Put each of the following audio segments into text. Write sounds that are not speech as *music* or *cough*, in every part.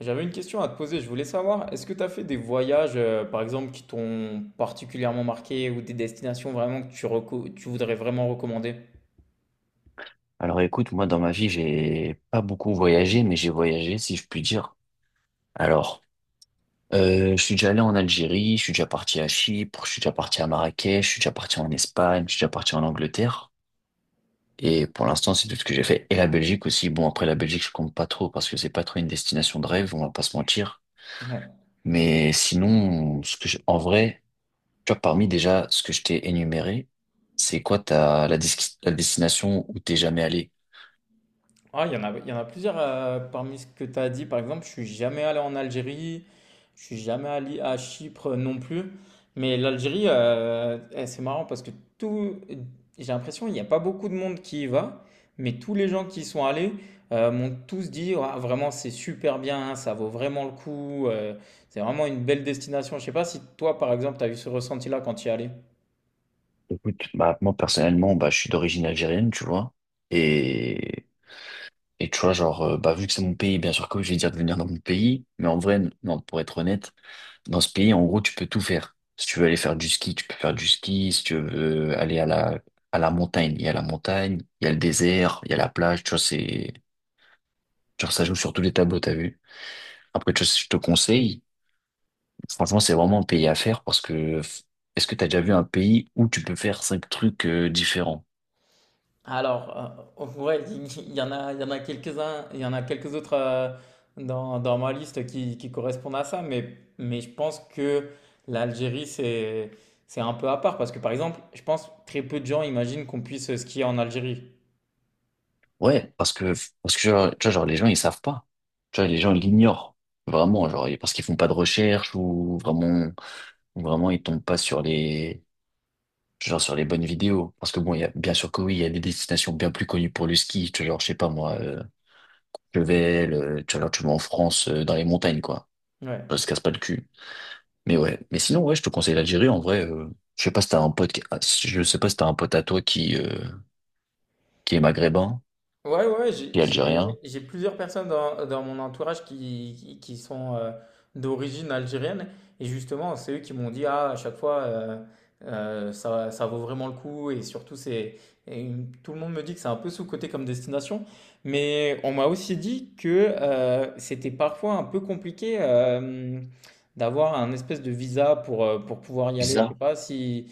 J'avais une question à te poser. Je voulais savoir, est-ce que tu as fait des voyages, par exemple, qui t'ont particulièrement marqué ou des destinations vraiment que tu voudrais vraiment recommander? Alors écoute, moi dans ma vie, j'ai pas beaucoup voyagé, mais j'ai voyagé si je puis dire. Alors, je suis déjà allé en Algérie, je suis déjà parti à Chypre, je suis déjà parti à Marrakech, je suis déjà parti en Espagne, je suis déjà parti en Angleterre. Et pour l'instant, c'est tout ce que j'ai fait. Et la Belgique aussi. Bon, après la Belgique, je compte pas trop parce que c'est pas trop une destination de rêve, on va pas se mentir. Ouais. Mais sinon, en vrai, tu vois, parmi déjà ce que je t'ai énuméré, c'est quoi la destination où t'es jamais allé? Ah, il y en a, il y en a plusieurs parmi ce que tu as dit. Par exemple, je suis jamais allé en Algérie, je suis jamais allé à Chypre non plus. Mais l'Algérie, c'est marrant parce que tout, j'ai l'impression qu'il n'y a pas beaucoup de monde qui y va, mais tous les gens qui y sont allés m'ont tous dit ouah, vraiment c'est super bien, ça vaut vraiment le coup, c'est vraiment une belle destination. Je sais pas si toi, par exemple, tu as eu ce ressenti-là quand tu y es allé. Écoute, bah, moi personnellement, bah, je suis d'origine algérienne, tu vois. Et, et tu vois, genre, bah, vu que c'est mon pays, bien sûr que oui, je vais dire de venir dans mon pays. Mais en vrai, non, pour être honnête, dans ce pays, en gros, tu peux tout faire. Si tu veux aller faire du ski, tu peux faire du ski. Si tu veux aller à la montagne, il y a la montagne, il y a le désert, il y a la plage, tu vois, genre, ça joue sur tous les tableaux, t'as vu. Après, tu vois, si je te conseille, franchement, c'est vraiment un pays à faire parce que, est-ce que t'as déjà vu un pays où tu peux faire cinq trucs, différents? Alors, ouais, il y en a, il y en a quelques-uns, il y en a quelques autres dans ma liste qui correspondent à ça, mais je pense que l'Algérie, c'est un peu à part, parce que par exemple, je pense très peu de gens imaginent qu'on puisse skier en Algérie. Ouais, parce que, genre, tu vois, genre, les gens, ils savent pas. Tu vois, les gens, ils l'ignorent. Vraiment, genre, et parce qu'ils font pas de recherche ou vraiment, ils tombent pas sur les bonnes vidéos. Parce que bon, il y a, bien sûr que oui, il y a des destinations bien plus connues pour le ski. Tu vois, genre, je sais pas, moi, Chevel, tu vois, genre, tu vas en France, dans les montagnes, quoi. Ouais. Ça se casse pas le cul. Mais ouais. Mais sinon, ouais, je te conseille l'Algérie, en vrai, je sais pas si t'as un pote, je sais pas si t'as un pote à toi qui est maghrébin, Ouais, ouais, qui est algérien. j'ai plusieurs personnes dans mon entourage qui sont d'origine algérienne. Et justement, c'est eux qui m'ont dit, ah, à chaque fois, ça vaut vraiment le coup. Et surtout, c'est, et tout le monde me dit que c'est un peu sous-coté comme destination. Mais on m'a aussi dit que c'était parfois un peu compliqué d'avoir un espèce de visa pour pouvoir y aller. Je sais Bizarre. pas si...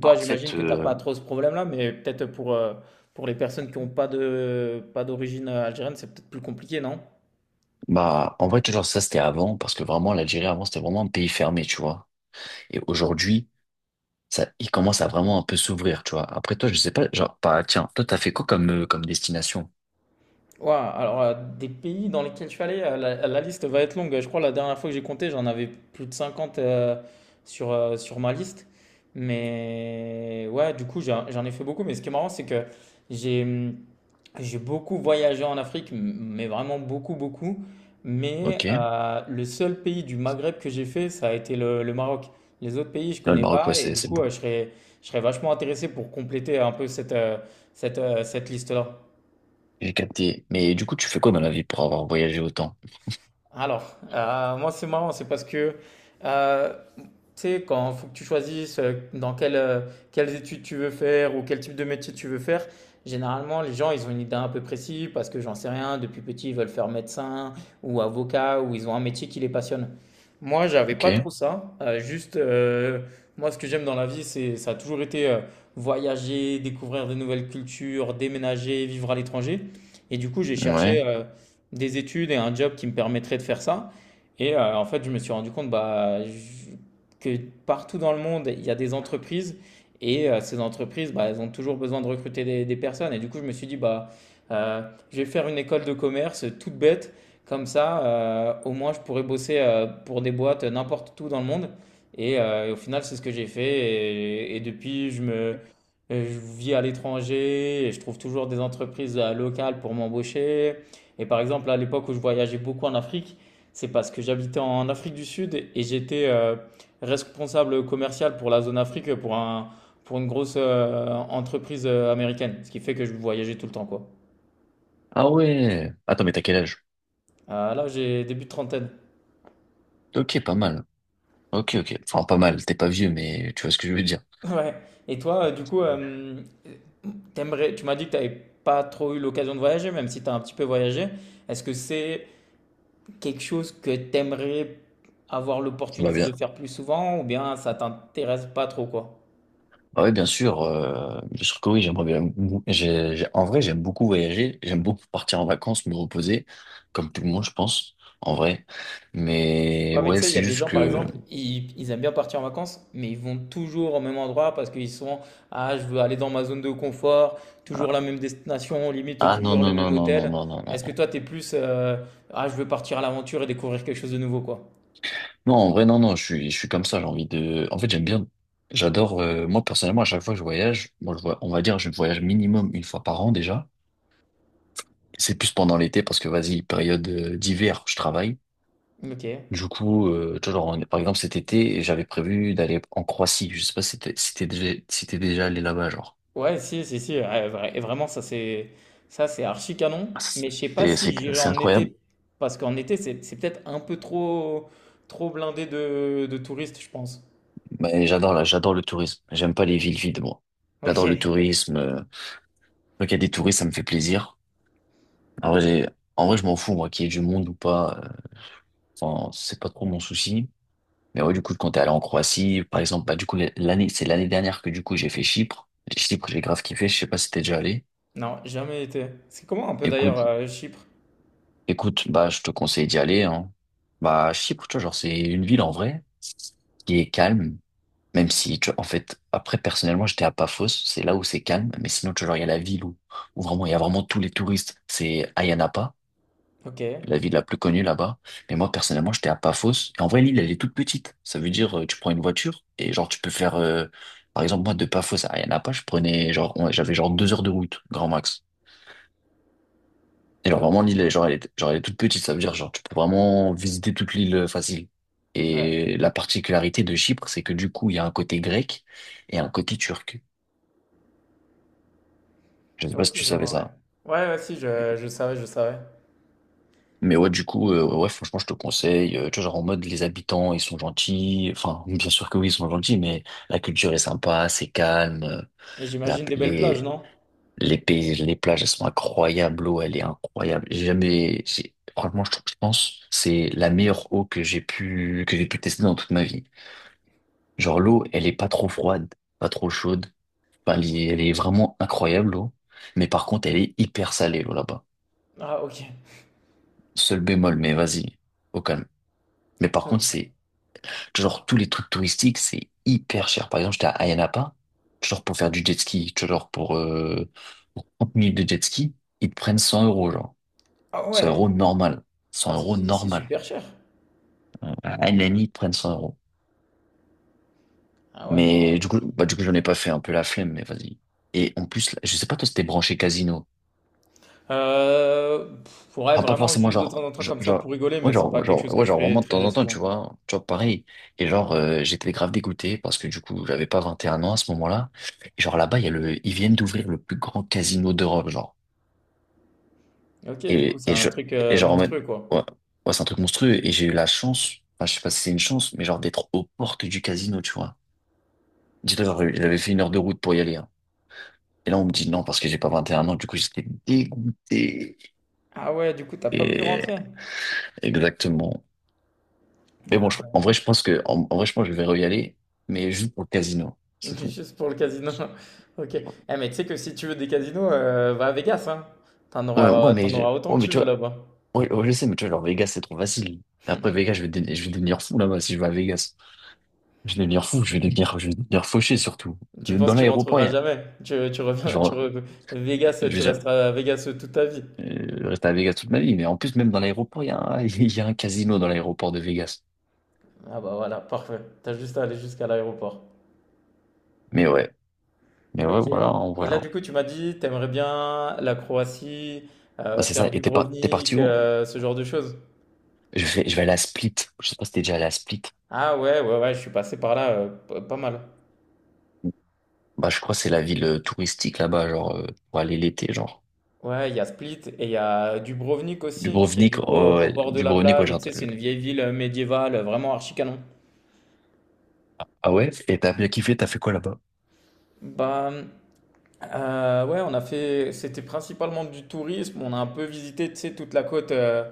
Bah, Toi, en j'imagine fait, que t'as euh, pas trop ce problème-là, mais peut-être pour les personnes qui n'ont pas pas d'origine algérienne, c'est peut-être plus compliqué, non? Bah, en vrai, tu vois, genre, ça, c'était avant, parce que vraiment, l'Algérie, avant, c'était vraiment un pays fermé, tu vois. Et aujourd'hui, ça, il commence à vraiment un peu s'ouvrir, tu vois. Après, toi, je sais pas, genre, bah, tiens, toi, t'as fait quoi comme destination? Ouah, alors, des pays dans lesquels je suis allé, euh, la liste va être longue. Je crois la dernière fois que j'ai compté, j'en avais plus de 50 sur ma liste. Mais ouais, du coup, j'en ai fait beaucoup. Mais ce qui est marrant, c'est que j'ai, hum, j'ai beaucoup voyagé en Afrique, mais vraiment beaucoup, beaucoup. Mais Ok. Là, le seul pays du Maghreb que j'ai fait, ça a été le Maroc. Les autres pays, je le connais Maroc, ouais, pas. Et c'est, du c'est coup, beaucoup. Je serais vachement intéressé pour compléter un peu cette, cette liste-là. J'ai capté. Mais du coup, tu fais quoi dans la vie pour avoir voyagé autant? Alors, moi, c'est marrant. C'est parce que euh, tu sais, quand faut que tu choisisses quelles études tu veux faire ou quel type de métier tu veux faire, généralement, les gens, ils ont une idée un peu précise parce que j'en sais rien, depuis petit, ils veulent faire médecin ou avocat ou ils ont un métier qui les passionne. Moi, j'avais Ok. pas trop ça. Moi, ce que j'aime dans la vie, ça a toujours été voyager, découvrir de nouvelles cultures, déménager, vivre à l'étranger. Et du coup, j'ai Ouais. cherché des études et un job qui me permettrait de faire ça. Et en fait, je me suis rendu compte, bah, que partout dans le monde, il y a des entreprises et ces entreprises, bah, elles ont toujours besoin de recruter des personnes. Et du coup, je me suis dit, bah, euh, je vais faire une école de commerce toute bête, comme ça, au moins je pourrais bosser pour des boîtes n'importe où dans le monde. Et au final, c'est ce que j'ai fait. Et depuis, je vis à l'étranger et je trouve toujours des entreprises locales pour m'embaucher. Et par exemple, à l'époque où je voyageais beaucoup en Afrique, c'est parce que j'habitais en Afrique du Sud et j'étais responsable commercial pour la zone Afrique pour une grosse entreprise américaine. Ce qui fait que je voyageais tout le temps, quoi. Ah ouais. Attends, mais t'as quel âge? Là, j'ai début de trentaine. *laughs* Ok, pas mal. Ok, ok. Enfin, pas mal. T'es pas vieux, mais tu vois ce que je veux dire. Ouais. Et toi, tu m'as dit que tu n'avais pas trop eu l'occasion de voyager, même si tu as un petit peu voyagé. Est-ce que c'est quelque chose que tu aimerais avoir Ça va l'opportunité de bien. faire plus souvent ou bien ça t'intéresse pas trop, quoi? Ah oui, bien sûr. Bien sûr que oui, j'aimerais bien. En vrai, j'aime beaucoup voyager. J'aime beaucoup partir en vacances, me reposer, comme tout le monde, je pense, en vrai. Mais Ouais, mais tu ouais, sais, il y a c'est des juste gens, par que. exemple, ils aiment bien partir en vacances, mais ils vont toujours au même endroit parce qu'ils sont, ah, je veux aller dans ma zone de confort, toujours la même destination, limite Ah non, toujours le non, non, même non, non, hôtel. non, non, non, Est-ce que non. toi, t'es plus, ah, je veux partir à l'aventure et découvrir quelque chose de nouveau, quoi. Non, en vrai, non, non, je suis comme ça. J'ai envie de. En fait, j'aime bien. J'adore. Moi, personnellement, à chaque fois que je voyage, moi, je vois, on va dire, je voyage minimum une fois par an déjà. C'est plus pendant l'été parce que, vas-y, période d'hiver, je travaille. Ok. Du coup, tu vois, genre, par exemple, cet été, j'avais prévu d'aller en Croatie. Je sais pas si t'es déjà allé là-bas, genre. Ouais, si, si, si, ouais, et vraiment, ça, c'est archi canon. Mais je sais pas C'est, si c'est, j'irai c'est en incroyable. été parce qu'en été, c'est peut-être un peu trop, trop blindé de touristes, je pense. Mais j'adore j'adore le tourisme. J'aime pas les villes vides, moi. Ok. J'adore le tourisme. Quand il y a des touristes, ça me fait plaisir. En vrai, j'ai- en vrai, je m'en fous, moi, qu'il y ait du monde ou pas. Enfin, c'est pas trop mon souci. Mais ouais, du coup, quand t'es allé en Croatie, par exemple, bah, du coup, c'est l'année dernière que, du coup, j'ai fait Chypre. Chypre, j'ai grave kiffé. Je sais pas si t'es déjà allé. Non, jamais été. C'est comment un peu d'ailleurs Écoute, Chypre? Écoute, bah, je te conseille d'y aller, hein. Bah, Chypre, tu vois, genre, c'est une ville en vrai qui est calme, même si, tu vois, en fait, après, personnellement, j'étais à Paphos, c'est là où c'est calme, mais sinon, tu vois, genre, il y a la ville où il y a vraiment tous les touristes, c'est Ayia Napa, Ok. la ville la plus connue là-bas. Mais moi, personnellement, j'étais à Paphos, et en vrai, l'île, elle est toute petite. Ça veut dire, tu prends une voiture, et genre, tu peux faire, par exemple, moi, de Paphos à Ayia Napa, je prenais, genre, j'avais genre 2 heures de route, grand max. Et genre Ah, ok, vraiment je l'île, elle est- vois. genre, elle est, genre elle est toute petite, ça veut dire genre tu peux vraiment visiter toute l'île facile. Ouais. Et la particularité de Chypre, c'est que du coup, il y a un côté grec et un côté turc. Je sais pas si Ok, tu je savais vois, ouais. ça. Ouais, ouais, si, je savais, je savais. Mais ouais, du coup, ouais, franchement, je te conseille. Tu vois, genre en mode les habitants, ils sont gentils. Enfin, bien sûr que oui, ils sont gentils, mais la culture est sympa, c'est calme. Et La, j'imagine des belles plages, non? les pays, les plages, elles sont incroyables. L'eau, elle est incroyable. J'ai jamais, j'ai- franchement, je pense, que c'est la meilleure eau que j'ai pu tester dans toute ma vie. Genre l'eau, elle est pas trop froide, pas trop chaude. Enfin, elle est vraiment incroyable l'eau. Mais par contre, elle est hyper salée l'eau là-bas. Ah, ok. Seul bémol, mais vas-y, au calme. Mais par contre, Ok. c'est genre tous les trucs touristiques, c'est hyper cher. Par exemple, j'étais à Ayia Napa, genre pour faire du jet ski, tu vois, genre pour 30 minutes de jet ski, ils te prennent 100 euros, genre. Ah 100 ouais. euros normal. 100 Ah, si, euros si, c'est normal. super cher. À Ayia ils te prennent 100 euros. Ah ouais, non. Mais du coup, bah, du coup, j'en ai pas fait un peu la flemme, mais vas-y. Et en plus, là, je sais pas, toi, c'était branché casino. Ouais, Enfin, pas vraiment forcément juste de temps genre, en temps comme ça pour genre, rigoler, ouais, mais c'est pas genre, quelque genre, chose que ouais, je genre fais vraiment de temps très en temps, souvent, tu quoi. vois, tu vois, pareil. Et genre, j'étais grave dégoûté parce que du coup, j'avais pas 21 ans à ce moment-là. Et genre là-bas, il y a le, ils viennent d'ouvrir le plus grand casino d'Europe, genre. Ok, du coup, c'est Et un je, truc et genre, en mode- monstrueux, quoi. ouais, ouais, c'est un truc monstrueux. Et j'ai eu la chance, enfin, je sais pas si c'est une chance, mais genre d'être aux portes du casino, tu vois. Dis-toi, genre, j'avais fait 1 heure de route pour y aller, hein. Et là, on me dit non parce que j'ai pas 21 ans, du coup, j'étais dégoûté. Ah ouais, du coup, t'as pas pu Et rentrer. exactement. Mais bon, en vrai, je pense que, en vrai, je pense que je vais re-y aller, mais juste pour le casino, *laughs* c'est tout. Juste pour le casino. *laughs* Ok. Mais tu sais que si tu veux des casinos, va à Vegas, hein. Ouais, ouais, mais, T'en auras autant que ouais, mais tu tu veux vois, là-bas. ouais, ouais, je sais, mais tu vois, genre Vegas, c'est trop facile. Après Vegas, je vais devenir fou là-bas si je vais à Vegas. Je vais devenir fou, je vais devenir fauché surtout. Tu penses Dans que tu l'aéroport, il y rentreras a, jamais. Tu reviens, tu genre, re- Vegas, je vais tu jamais, resteras à Vegas toute ta vie. Rester à Vegas toute ma vie, mais en plus, même dans l'aéroport, il y a un, *laughs* il y a un casino dans l'aéroport de Vegas. Ah bah voilà, parfait. T'as juste à aller jusqu'à l'aéroport. Mais ouais, mais ouais, Ok. voilà, en Et vrai, là, hein. du coup, tu m'as dit, t'aimerais bien la Croatie, Ouais, c'est ça, faire et t'es t'es parti Dubrovnik, où? Ce genre de choses. Je vais aller à Split. Je sais pas si t'es déjà allé à Split. Ah ouais, ouais, ouais, je suis passé par là, pas mal. Bah, je crois que c'est la ville touristique là-bas, genre, pour aller l'été, genre. Ouais, il y a Split et il y a Dubrovnik aussi, qui est du Dubrovnik, coup oh, au ouais. bord de la Dubrovnik, ouais, plage. Et tu j'entends. sais, c'est une vieille ville médiévale, vraiment archi canon. Ah ouais? Et t'as bien kiffé, t'as fait quoi là-bas? Bah ouais, on a fait, c'était principalement du tourisme. On a un peu visité, tu sais, toute la côte euh,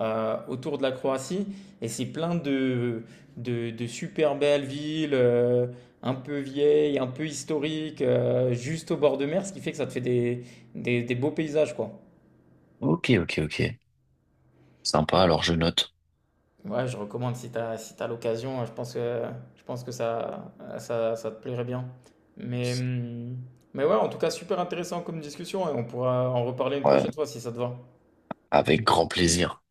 euh, autour de la Croatie. Et c'est plein de super belles villes, un peu vieilles, un peu historiques, juste au bord de mer, ce qui fait que ça te fait des beaux paysages, quoi. Ok, ok, ok. Sympa, alors je note. Ouais, je recommande si tu as, si t'as l'occasion, je pense que ça te plairait bien. Mais, hum, mais ouais, en tout cas, super intéressant comme discussion et on pourra en reparler une Ouais, prochaine fois si ça te va. avec grand plaisir.